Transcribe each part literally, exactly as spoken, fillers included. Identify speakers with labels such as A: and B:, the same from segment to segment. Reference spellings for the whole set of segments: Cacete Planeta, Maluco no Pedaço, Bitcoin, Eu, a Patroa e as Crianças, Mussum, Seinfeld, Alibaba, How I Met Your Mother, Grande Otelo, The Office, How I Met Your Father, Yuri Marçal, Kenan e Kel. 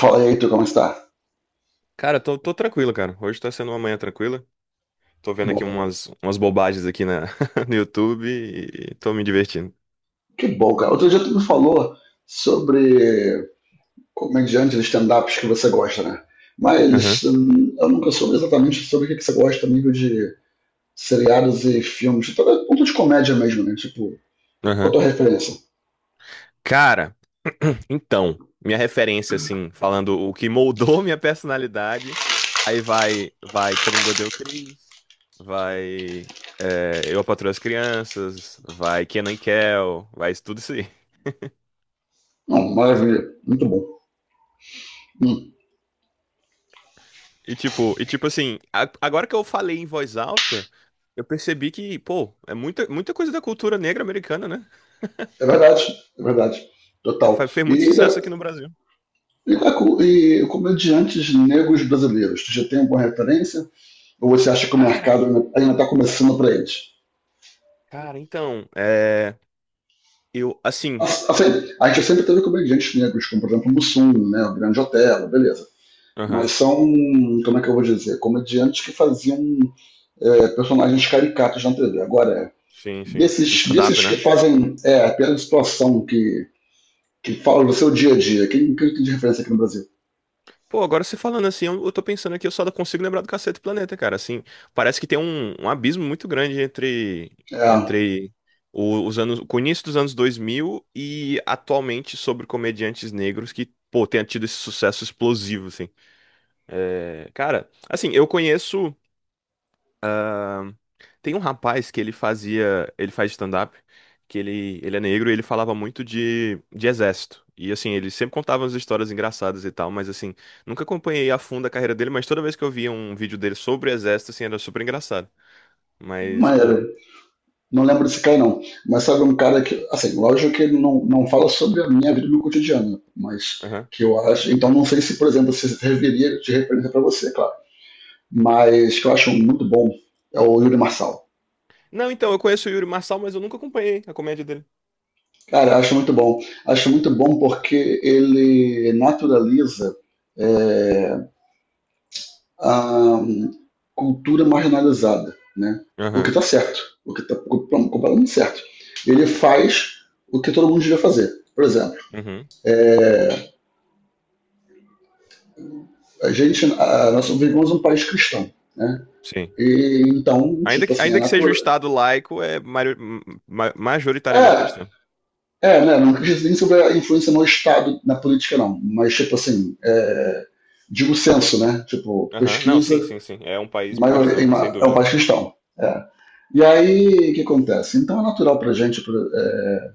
A: Fala aí, tu, como está?
B: Cara, tô, tô tranquilo, cara. Hoje tá sendo uma manhã tranquila. Tô
A: Que
B: vendo aqui
A: bom.
B: umas, umas bobagens aqui na, no YouTube e tô me divertindo.
A: Que bom, cara. Outro dia tu me falou sobre comediantes de stand-ups que você gosta, né?
B: Aham,
A: Mas hum, eu nunca soube exatamente sobre o que que você gosta a nível de seriados e filmes. Então, é ponto de comédia mesmo, né? Tipo, qual a
B: aham.
A: tua referência?
B: Cara, então, minha referência, assim, falando o que moldou minha personalidade, aí vai, vai, todo mundo odeia o Chris, vai, é, Eu, a Patroa e as Crianças, vai Kenan e Kel, vai isso tudo isso aí.
A: Não, maravilha. Muito bom. Hum,
B: E tipo, e tipo assim, a- agora que eu falei em voz alta, eu percebi que, pô, é muita, muita coisa da cultura negra americana, né?
A: é verdade, é verdade. Total.
B: Fe- Fez muito
A: E,
B: sucesso
A: da-
B: aqui no Brasil.
A: e, da co- e comediantes negros brasileiros, tu já tem alguma referência? Ou você acha que o
B: Cara,
A: mercado ainda está começando para eles?
B: cara, então, é, eu, assim,
A: Assim, a gente sempre teve comediantes negros, como por exemplo o Mussum, né, o Grande Otelo, beleza. Mas
B: aham,
A: são, como é que eu vou dizer, comediantes que faziam é, personagens caricatos na T V. Agora,
B: sim, sim,
A: desses,
B: stand-up,
A: desses que
B: né?
A: fazem é, apenas situação que, que fala do seu dia a dia, quem, quem tem de referência aqui no Brasil?
B: Pô, agora você falando assim, eu, eu tô pensando aqui, eu só consigo lembrar do Cacete Planeta, cara, assim, parece que tem um, um abismo muito grande entre,
A: É,
B: entre o- os anos, com o início dos anos dois mil e atualmente sobre comediantes negros que, pô, tenha tido esse sucesso explosivo, assim. É, cara, assim, eu conheço. Tem um rapaz que ele fazia, ele faz stand-up, que ele, ele é negro e ele falava muito de, de exército. E assim, ele sempre contava umas histórias engraçadas e tal, mas assim, nunca acompanhei a fundo a carreira dele, mas toda vez que eu via um vídeo dele sobre o exército, assim, era super engraçado.
A: não
B: Mas, pô,
A: era. Não lembro desse cara, não. Mas sabe um cara que, assim, lógico que ele não, não fala sobre a minha vida no cotidiano, mas
B: aham.
A: que eu acho. Então não sei se, por exemplo, se serviria de referência para você, claro, mas que eu acho muito bom é o Yuri Marçal.
B: Não, então, eu conheço o Yuri Marçal, mas eu nunca acompanhei a comédia dele.
A: Cara, eu acho muito bom. Acho muito bom porque ele naturaliza é, a cultura marginalizada, né? O que
B: Aham,
A: tá certo, o que tá completamente certo. Ele faz o que todo mundo devia fazer. Por exemplo,
B: uhum,
A: é, a gente, a, nós vivemos um país cristão, né?
B: sim.
A: E então,
B: Ainda
A: tipo
B: que,
A: assim, a
B: ainda que seja um
A: natureza.
B: estado laico, é mari- ma- majoritariamente
A: É,
B: cristão.
A: é, né? Não acredito nem sobre a influência no Estado, na política, não. Mas, tipo assim, é, digo censo, né? Tipo,
B: Aham, não, sim,
A: pesquisa,
B: sim, sim. É um
A: em
B: país pro
A: maioria, em
B: cristão, sem
A: ma- é um
B: dúvida.
A: país cristão. É. E aí, o que acontece? Então é natural pra gente pra, é,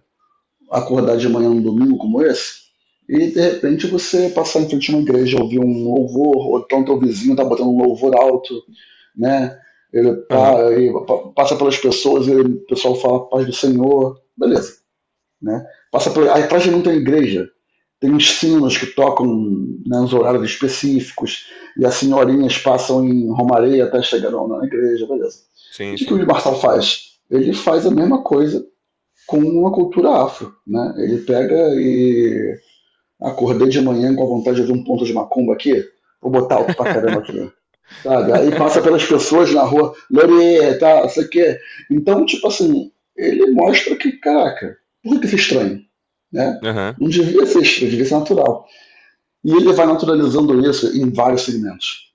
A: acordar de manhã num domingo como esse e, de repente, você passar em frente a uma igreja, ouvir um louvor, ou então teu vizinho tá botando um louvor alto, né? Ele,
B: Aham,
A: pa- ele pa- passa pelas pessoas, ele- o pessoal fala paz do Senhor, beleza, né? Passa por, aí atrás de mim tem uma igreja, tem sinos que tocam nos horários específicos, e as senhorinhas passam em Romareia até chegar na igreja, beleza. E o
B: sim,
A: que, que
B: sim.
A: o Marçal faz? Ele faz a mesma coisa com uma cultura afro, né? Ele pega e acordei de manhã com a vontade de ouvir um ponto de macumba aqui, vou botar alto pra caramba aqui, sabe? Aí passa pelas pessoas na rua, Lore, tá, sei o quê. Então, tipo assim, ele mostra que, caraca, por que isso é estranho, né?
B: Aham.
A: Não devia ser estranho, devia ser natural. E ele vai naturalizando isso em vários segmentos.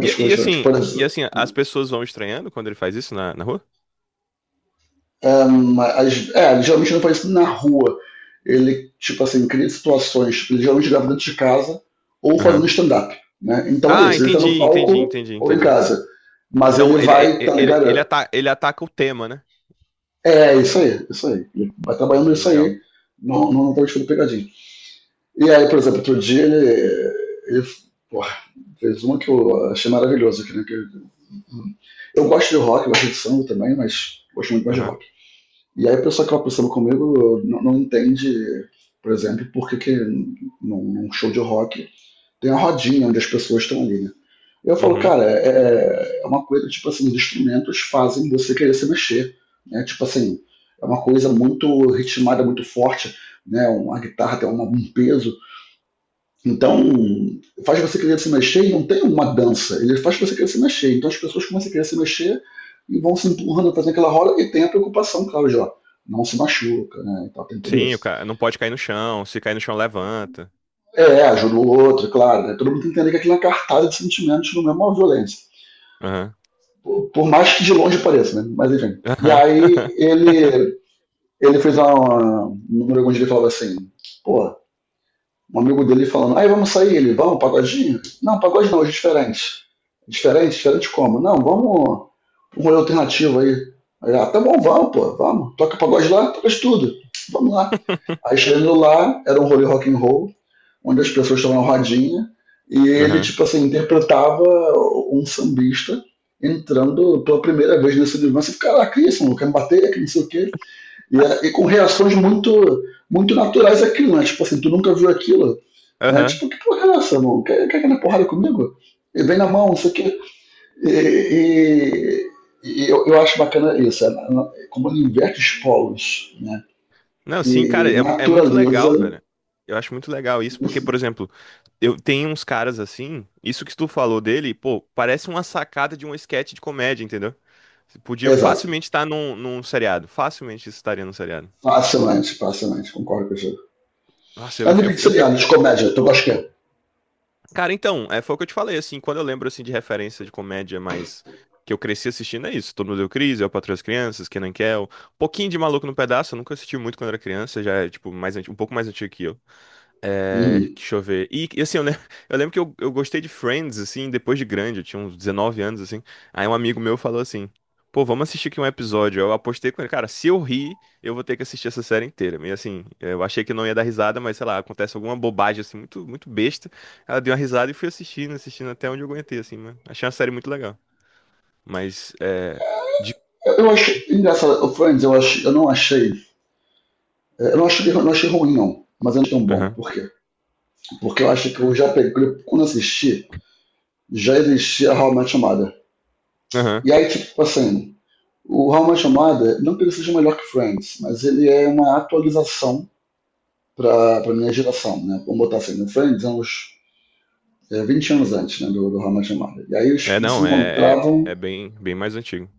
B: E, e
A: coisas diferentes.
B: assim,
A: Por
B: e
A: exemplo,
B: assim, as pessoas vão estranhando quando ele faz isso na, na rua?
A: um, as, é, ele geralmente não faz isso na rua. Ele, tipo assim, cria situações. Tipo, ele geralmente grava dentro de casa ou fazendo
B: Aham.
A: stand-up. Né? Então é
B: Ah,
A: isso. Ele tá no
B: entendi, entendi,
A: palco
B: entendi,
A: ou em
B: entendi.
A: casa. Mas ele
B: Então ele,
A: vai, tá
B: ele, ele,
A: ligado?
B: ele ata- ele ataca o tema, né?
A: É, é isso aí, isso aí. Ele vai trabalhando
B: Entendi,
A: isso
B: legal.
A: aí. Não, não, não tá tipo pegadinha. E aí, por exemplo, outro dia ele, ele porra, fez uma que eu achei maravilhosa, que, né, que eu gosto de rock, gosto de samba também, mas gosto muito mais de
B: Aham.
A: rock. E aí a pessoa que ela samba comigo não, não entende, por exemplo, por que, que num, num show de rock tem a rodinha onde as pessoas estão ali, né? Eu falo,
B: Uhum.
A: cara, é, é é uma coisa, tipo assim, os instrumentos fazem você querer se mexer, né? Tipo assim, é uma coisa muito ritmada, muito forte, né? Uma guitarra tem uma, um peso então, faz você querer se mexer e não tem uma dança, ele faz você querer se mexer. Então as pessoas começam a querer se mexer e vão se empurrando, fazendo aquela roda e tem a preocupação, claro, de ó, não se machuca, né? Então tem tudo
B: Sim,
A: isso.
B: o cara não pode cair no chão, se cair no chão, levanta.
A: É, ajuda o outro, é claro. Né? Todo mundo tem que entender que aquilo é uma cartada de sentimentos, não é uma violência.
B: Aham.
A: Por, por mais que de longe pareça, né? Mas enfim. E
B: Aham.
A: aí ele, ele fez uma, um número onde ele falava assim, pô, um amigo dele falando, aí vamos sair, ele, vamos, pagodinho? Não, pagode não, hoje é diferente. "É diferente? Diferente como? Não, vamos um rolê alternativo aí. Aí ah, tá bom, vamos, pô, vamos. Toca pagode lá, toca de tudo. Vamos lá. Aí chegando lá, era um rolê rock and roll, onde as pessoas estavam na rodinha, e ele,
B: Aham.
A: tipo assim, interpretava um sambista entrando pela primeira vez nesse universo. Caraca, isso, não quer me bater, que não sei o quê. E, é, e com reações muito, muito naturais aquilo, né? Tipo assim, tu nunca viu aquilo, né?
B: Aham.
A: Tipo, que porra é essa, mano? Quer, quer aquela porrada comigo? E vem na mão, isso aqui. E, e, e eu, eu acho bacana isso, é, na- na- como ele inverte os polos, né?
B: Não, sim, cara,
A: E
B: é, é muito
A: naturaliza.
B: legal, velho. Eu acho muito legal isso, porque, por exemplo, eu tenho uns caras assim, isso que tu falou dele, pô, parece uma sacada de um esquete de comédia, entendeu? Você podia
A: Exato.
B: facilmente estar num, num seriado, facilmente isso estaria num seriado.
A: Facilmente, facilmente, concordo com você.
B: Nossa,
A: A
B: eu, fi- eu,
A: nível de
B: fi- eu
A: seriado,
B: fico.
A: de comédia, tu gosta que
B: Cara, então, é, foi o que eu te falei, assim, quando eu lembro assim de referência de comédia mais que eu cresci assistindo, é isso. Todo mundo deu crise, Eu, Patroa e as Crianças, Kenan e Kel, um pouquinho de Maluco no Pedaço, eu nunca assisti muito quando era criança, já é, tipo, mais, anti- um pouco mais antigo que eu. É,
A: uhum.
B: deixa eu ver. E e, assim, eu lembro, eu lembro que eu, eu gostei de Friends, assim, depois de grande, eu tinha uns dezenove anos, assim. Aí um amigo meu falou assim: pô, vamos assistir aqui um episódio. Eu apostei com ele, cara, se eu rir, eu vou ter que assistir essa série inteira. E assim, eu achei que não ia dar risada, mas sei lá, acontece alguma bobagem, assim, muito, muito besta. Ela deu uma risada e fui assistindo, assistindo até onde eu aguentei, assim, mas achei uma série muito legal. Mas, é. De...
A: eu, eu acho engraçado, o Friends, eu, acho, eu não achei. é, Eu não achei, eu não achei ruim, não, mas eu não achei tão bom.
B: Aham,
A: Por quê? Porque eu acho que eu já peguei, quando assisti, já existia How I Met Your Mother.
B: aham.
A: E aí, tipo, assim, o How I Met Your Mother, não que ele seja melhor que Friends, mas ele é uma atualização pra, pra minha geração, né? Vamos botar assim, no Friends é uns é, vinte anos antes, né, do, do How I Met Your Mother. E aí eles
B: É,
A: eles se
B: não, é, é,
A: encontravam,
B: é bem, bem mais antigo.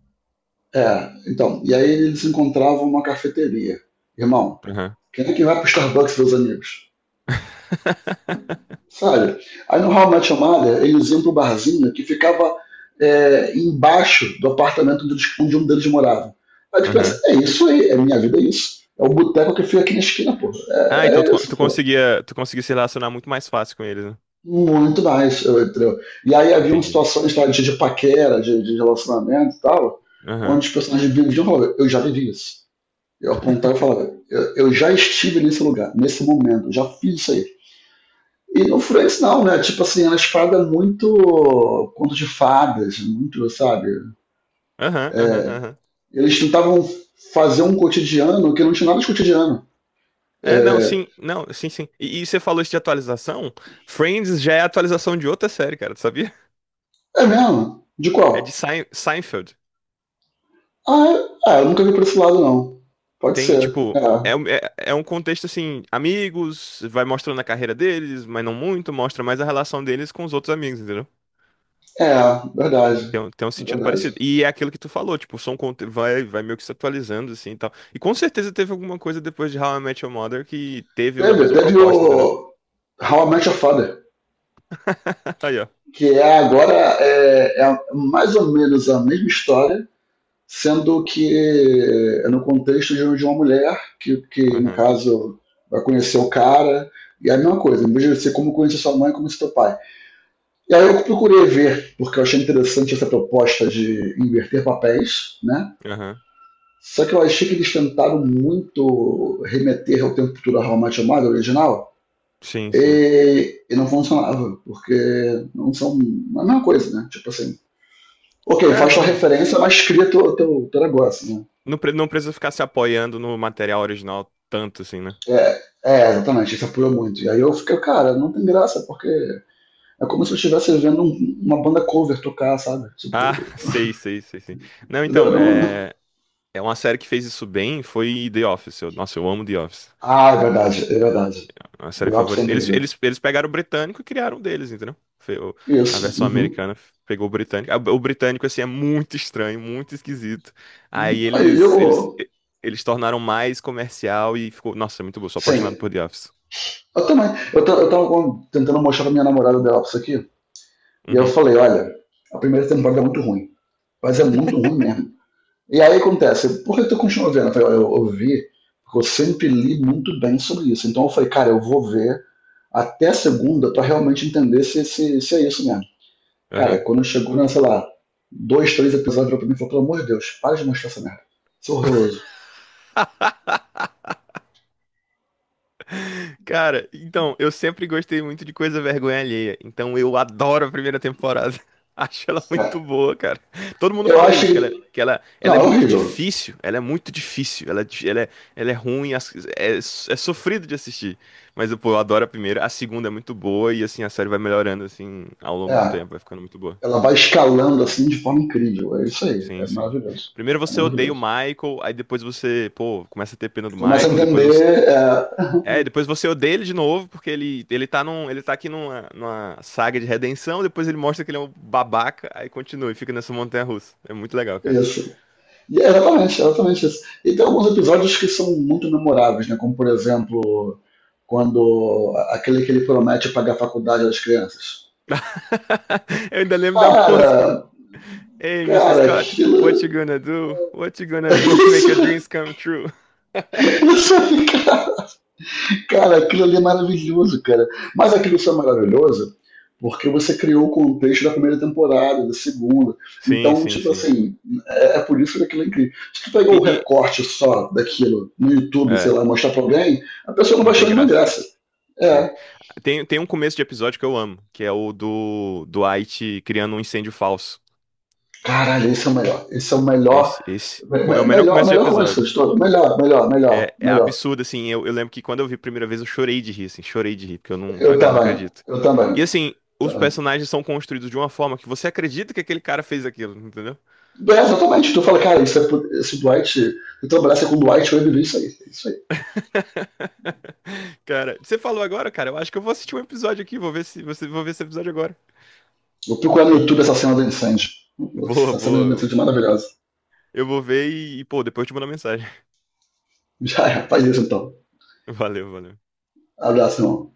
A: é, então, e aí eles se encontravam numa cafeteria. Irmão,
B: Aham.
A: quem é que vai pro Starbucks, meus amigos? Sabe? Aí no How I Met Your Mother, eles iam pro barzinho que ficava é, embaixo do apartamento deles- onde um deles morava. Aí tu pensa,
B: Aham.
A: é isso aí, é minha vida, é isso. É o boteco que fica aqui na esquina, pô.
B: Ah,
A: É,
B: então tu,
A: é
B: con-
A: isso,
B: tu
A: pô.
B: conseguia, tu conseguia se relacionar muito mais fácil com eles, né?
A: Muito nice, eu- entendeu? E aí haviam
B: Entendi.
A: situações tá, de, de paquera, de, de relacionamento e tal,
B: Aham.
A: onde os personagens viviam e falavam, eu já vivi isso. Eu apontava e falava, eu, eu já estive nesse lugar, nesse momento, já fiz isso aí. E no Friends não, né? Tipo assim, elas pagam muito conto de fadas, muito, sabe?
B: Aham, aham, aham.
A: Eles tentavam fazer um cotidiano que não tinha nada de cotidiano.
B: É, não, sim, não, sim, sim. E, e você falou isso de atualização? Friends já é atualização de outra série, cara, tu sabia?
A: É mesmo? De
B: É de
A: qual?
B: Sein- Seinfeld.
A: Ah, é, é, eu nunca vi por esse lado, não. Pode
B: Tem,
A: ser.
B: tipo,
A: É,
B: é, um- é, é um contexto assim, amigos, vai mostrando a carreira deles, mas não muito, mostra mais a relação deles com os outros amigos, entendeu?
A: é verdade.
B: Tem, um- tem um
A: É
B: sentido parecido.
A: verdade.
B: E é aquilo que tu falou, tipo, são conte- vai, vai meio que se atualizando, assim, e tal. E com certeza teve alguma coisa depois de How I Met Your Mother que teve a
A: Teve,
B: mesma
A: teve o
B: proposta, entendeu?
A: How I Met Your Father,
B: Aí, ó.
A: que é agora é, é mais ou menos a mesma história, sendo que é no contexto de de uma mulher, que, que no
B: Aham,
A: caso vai conhecer o cara, e é a mesma coisa, em vez de ser como conhecer sua mãe, como conhecer seu pai. E aí eu procurei ver, porque eu achei interessante essa proposta de inverter papéis, né?
B: aham.
A: Só que eu achei que eles tentaram muito remeter ao tempo futuro How Much Mother original,
B: Sim, sim.
A: e, e não funcionava, porque não são a mesma coisa, né? Tipo assim, ok,
B: É,
A: faz tua
B: não,
A: referência, mas cria teu, teu, teu negócio, né?
B: não, pre- não precisa ficar se apoiando no material original tanto, assim, né?
A: É, é, exatamente, isso apurou muito. E aí eu fiquei, cara, não tem graça, porque é como se eu estivesse vendo um- uma banda cover tocar, sabe?
B: Ah,
A: Tipo,
B: sei, sei, sei, sei. Não, então,
A: entendeu? Não-
B: é, é uma série que fez isso bem, foi The Office. Eu- nossa, eu amo The Office.
A: Ah, é verdade, é verdade.
B: A série
A: The Ops é
B: favorita. Eles,
A: incrível.
B: eles, eles pegaram o britânico e criaram um deles, entendeu? Fe- o- A
A: Isso,
B: versão
A: uhum.
B: americana f- pegou o britânico. Ah, o britânico, assim, é muito estranho, muito esquisito. Aí
A: Aí
B: eles, eles,
A: eu,
B: e- eles tornaram mais comercial e ficou. Nossa, é muito bom. Sou apaixonado
A: sim,
B: por The Office.
A: eu também. Eu, ta- eu tava com- tentando mostrar pra minha namorada The Ops aqui, e eu
B: Uhum.
A: falei, olha, a primeira temporada é muito ruim, mas é muito ruim mesmo. E aí acontece, por que tu continua vendo? Eu falei, olha, eu ouvi, porque eu sempre li muito bem sobre isso. Então eu falei, cara, eu vou ver até segunda pra realmente entender se, se, se é isso mesmo. Cara,
B: Aham.
A: quando chegou, na, sei lá, dois, três episódios virou pra mim, eu falei, pelo amor de Deus, para de mostrar essa merda. Isso é horroroso.
B: Cara, então, eu sempre gostei muito de coisa vergonha alheia. Então eu adoro a primeira temporada. Acho ela
A: Cara,
B: muito boa, cara. Todo mundo
A: eu
B: fala
A: acho
B: isso, que ela,
A: que.
B: é, que ela, ela
A: Não,
B: é
A: é
B: muito
A: horrível.
B: difícil. Ela é muito difícil. Ela, é di- ela é, ela é ruim, as- é, é sofrido de assistir. Mas, pô, eu adoro a primeira. A segunda é muito boa e, assim, a série vai melhorando, assim, ao longo do
A: É,
B: tempo. Vai ficando muito boa.
A: ela vai escalando assim de forma incrível. É isso aí, é
B: Sim, sim.
A: maravilhoso.
B: Primeiro
A: É
B: você odeia o
A: maravilhoso.
B: Michael, aí depois você, pô, começa a ter pena do
A: Começa a
B: Michael, depois você,
A: entender é,
B: é, e depois você odeia ele de novo, porque ele, ele tá num, ele tá aqui numa, numa saga de redenção, depois ele mostra que ele é um babaca, aí continua e fica nessa montanha russa. É muito legal, cara.
A: isso. E é exatamente, é exatamente isso. E tem alguns episódios que são muito memoráveis, né? Como por exemplo, quando aquele que ele promete pagar a faculdade das crianças.
B: Eu ainda lembro da música.
A: Cara,
B: Hey, misses
A: cara,
B: Scott,
A: aquilo.
B: what you gonna do? What you gonna do? Make your dreams come true.
A: Isso, isso é ficar cara, aquilo ali é maravilhoso, cara. Mas aquilo só é maravilhoso porque você criou o contexto da primeira temporada, da segunda.
B: Sim,
A: Então,
B: sim,
A: tipo
B: sim.
A: assim, é, é por isso que aquilo é incrível. Se tu pegar
B: E,
A: o
B: e-
A: recorte só daquilo no YouTube, sei
B: é,
A: lá, mostrar pra alguém, a pessoa não vai
B: não
A: achar
B: tem
A: nenhuma
B: graça.
A: graça.
B: Sim.
A: É.
B: Tem, tem um começo de episódio que eu amo, que é o do do Dwight criando um incêndio falso.
A: Caralho, esse é o melhor. Esse é o melhor.
B: Esse, esse
A: me-
B: co- é o
A: me-
B: melhor
A: Melhor,
B: começo de
A: melhor começo
B: episódio.
A: de todo. Melhor, melhor, melhor,
B: É, é
A: melhor.
B: absurdo, assim. Eu, eu lembro que quando eu vi a primeira vez, eu chorei de rir, assim. Chorei de rir, porque eu não.
A: Eu
B: Falei, cara, não
A: também.
B: acredito.
A: Eu
B: E
A: também.
B: assim, os
A: Tá,
B: personagens são construídos de uma forma que você acredita que aquele cara fez aquilo, entendeu?
A: é, exatamente. Tu fala, cara, isso é, pu- esse Dwight. Se tu trabalhasse com o Dwight, eu ia viver isso aí. É isso aí.
B: Cara, você falou agora, cara. Eu acho que eu vou assistir um episódio aqui. Vou ver se você vou ver esse episódio agora.
A: Vou procurar no YouTube
B: E
A: essa cena do incêndio.
B: boa,
A: Essa cena do
B: boa.
A: incêndio é maravilhosa.
B: Eu vou ver e, pô, depois eu te mando uma mensagem.
A: Já é, faz isso então.
B: Valeu, valeu.
A: Abraço, irmão.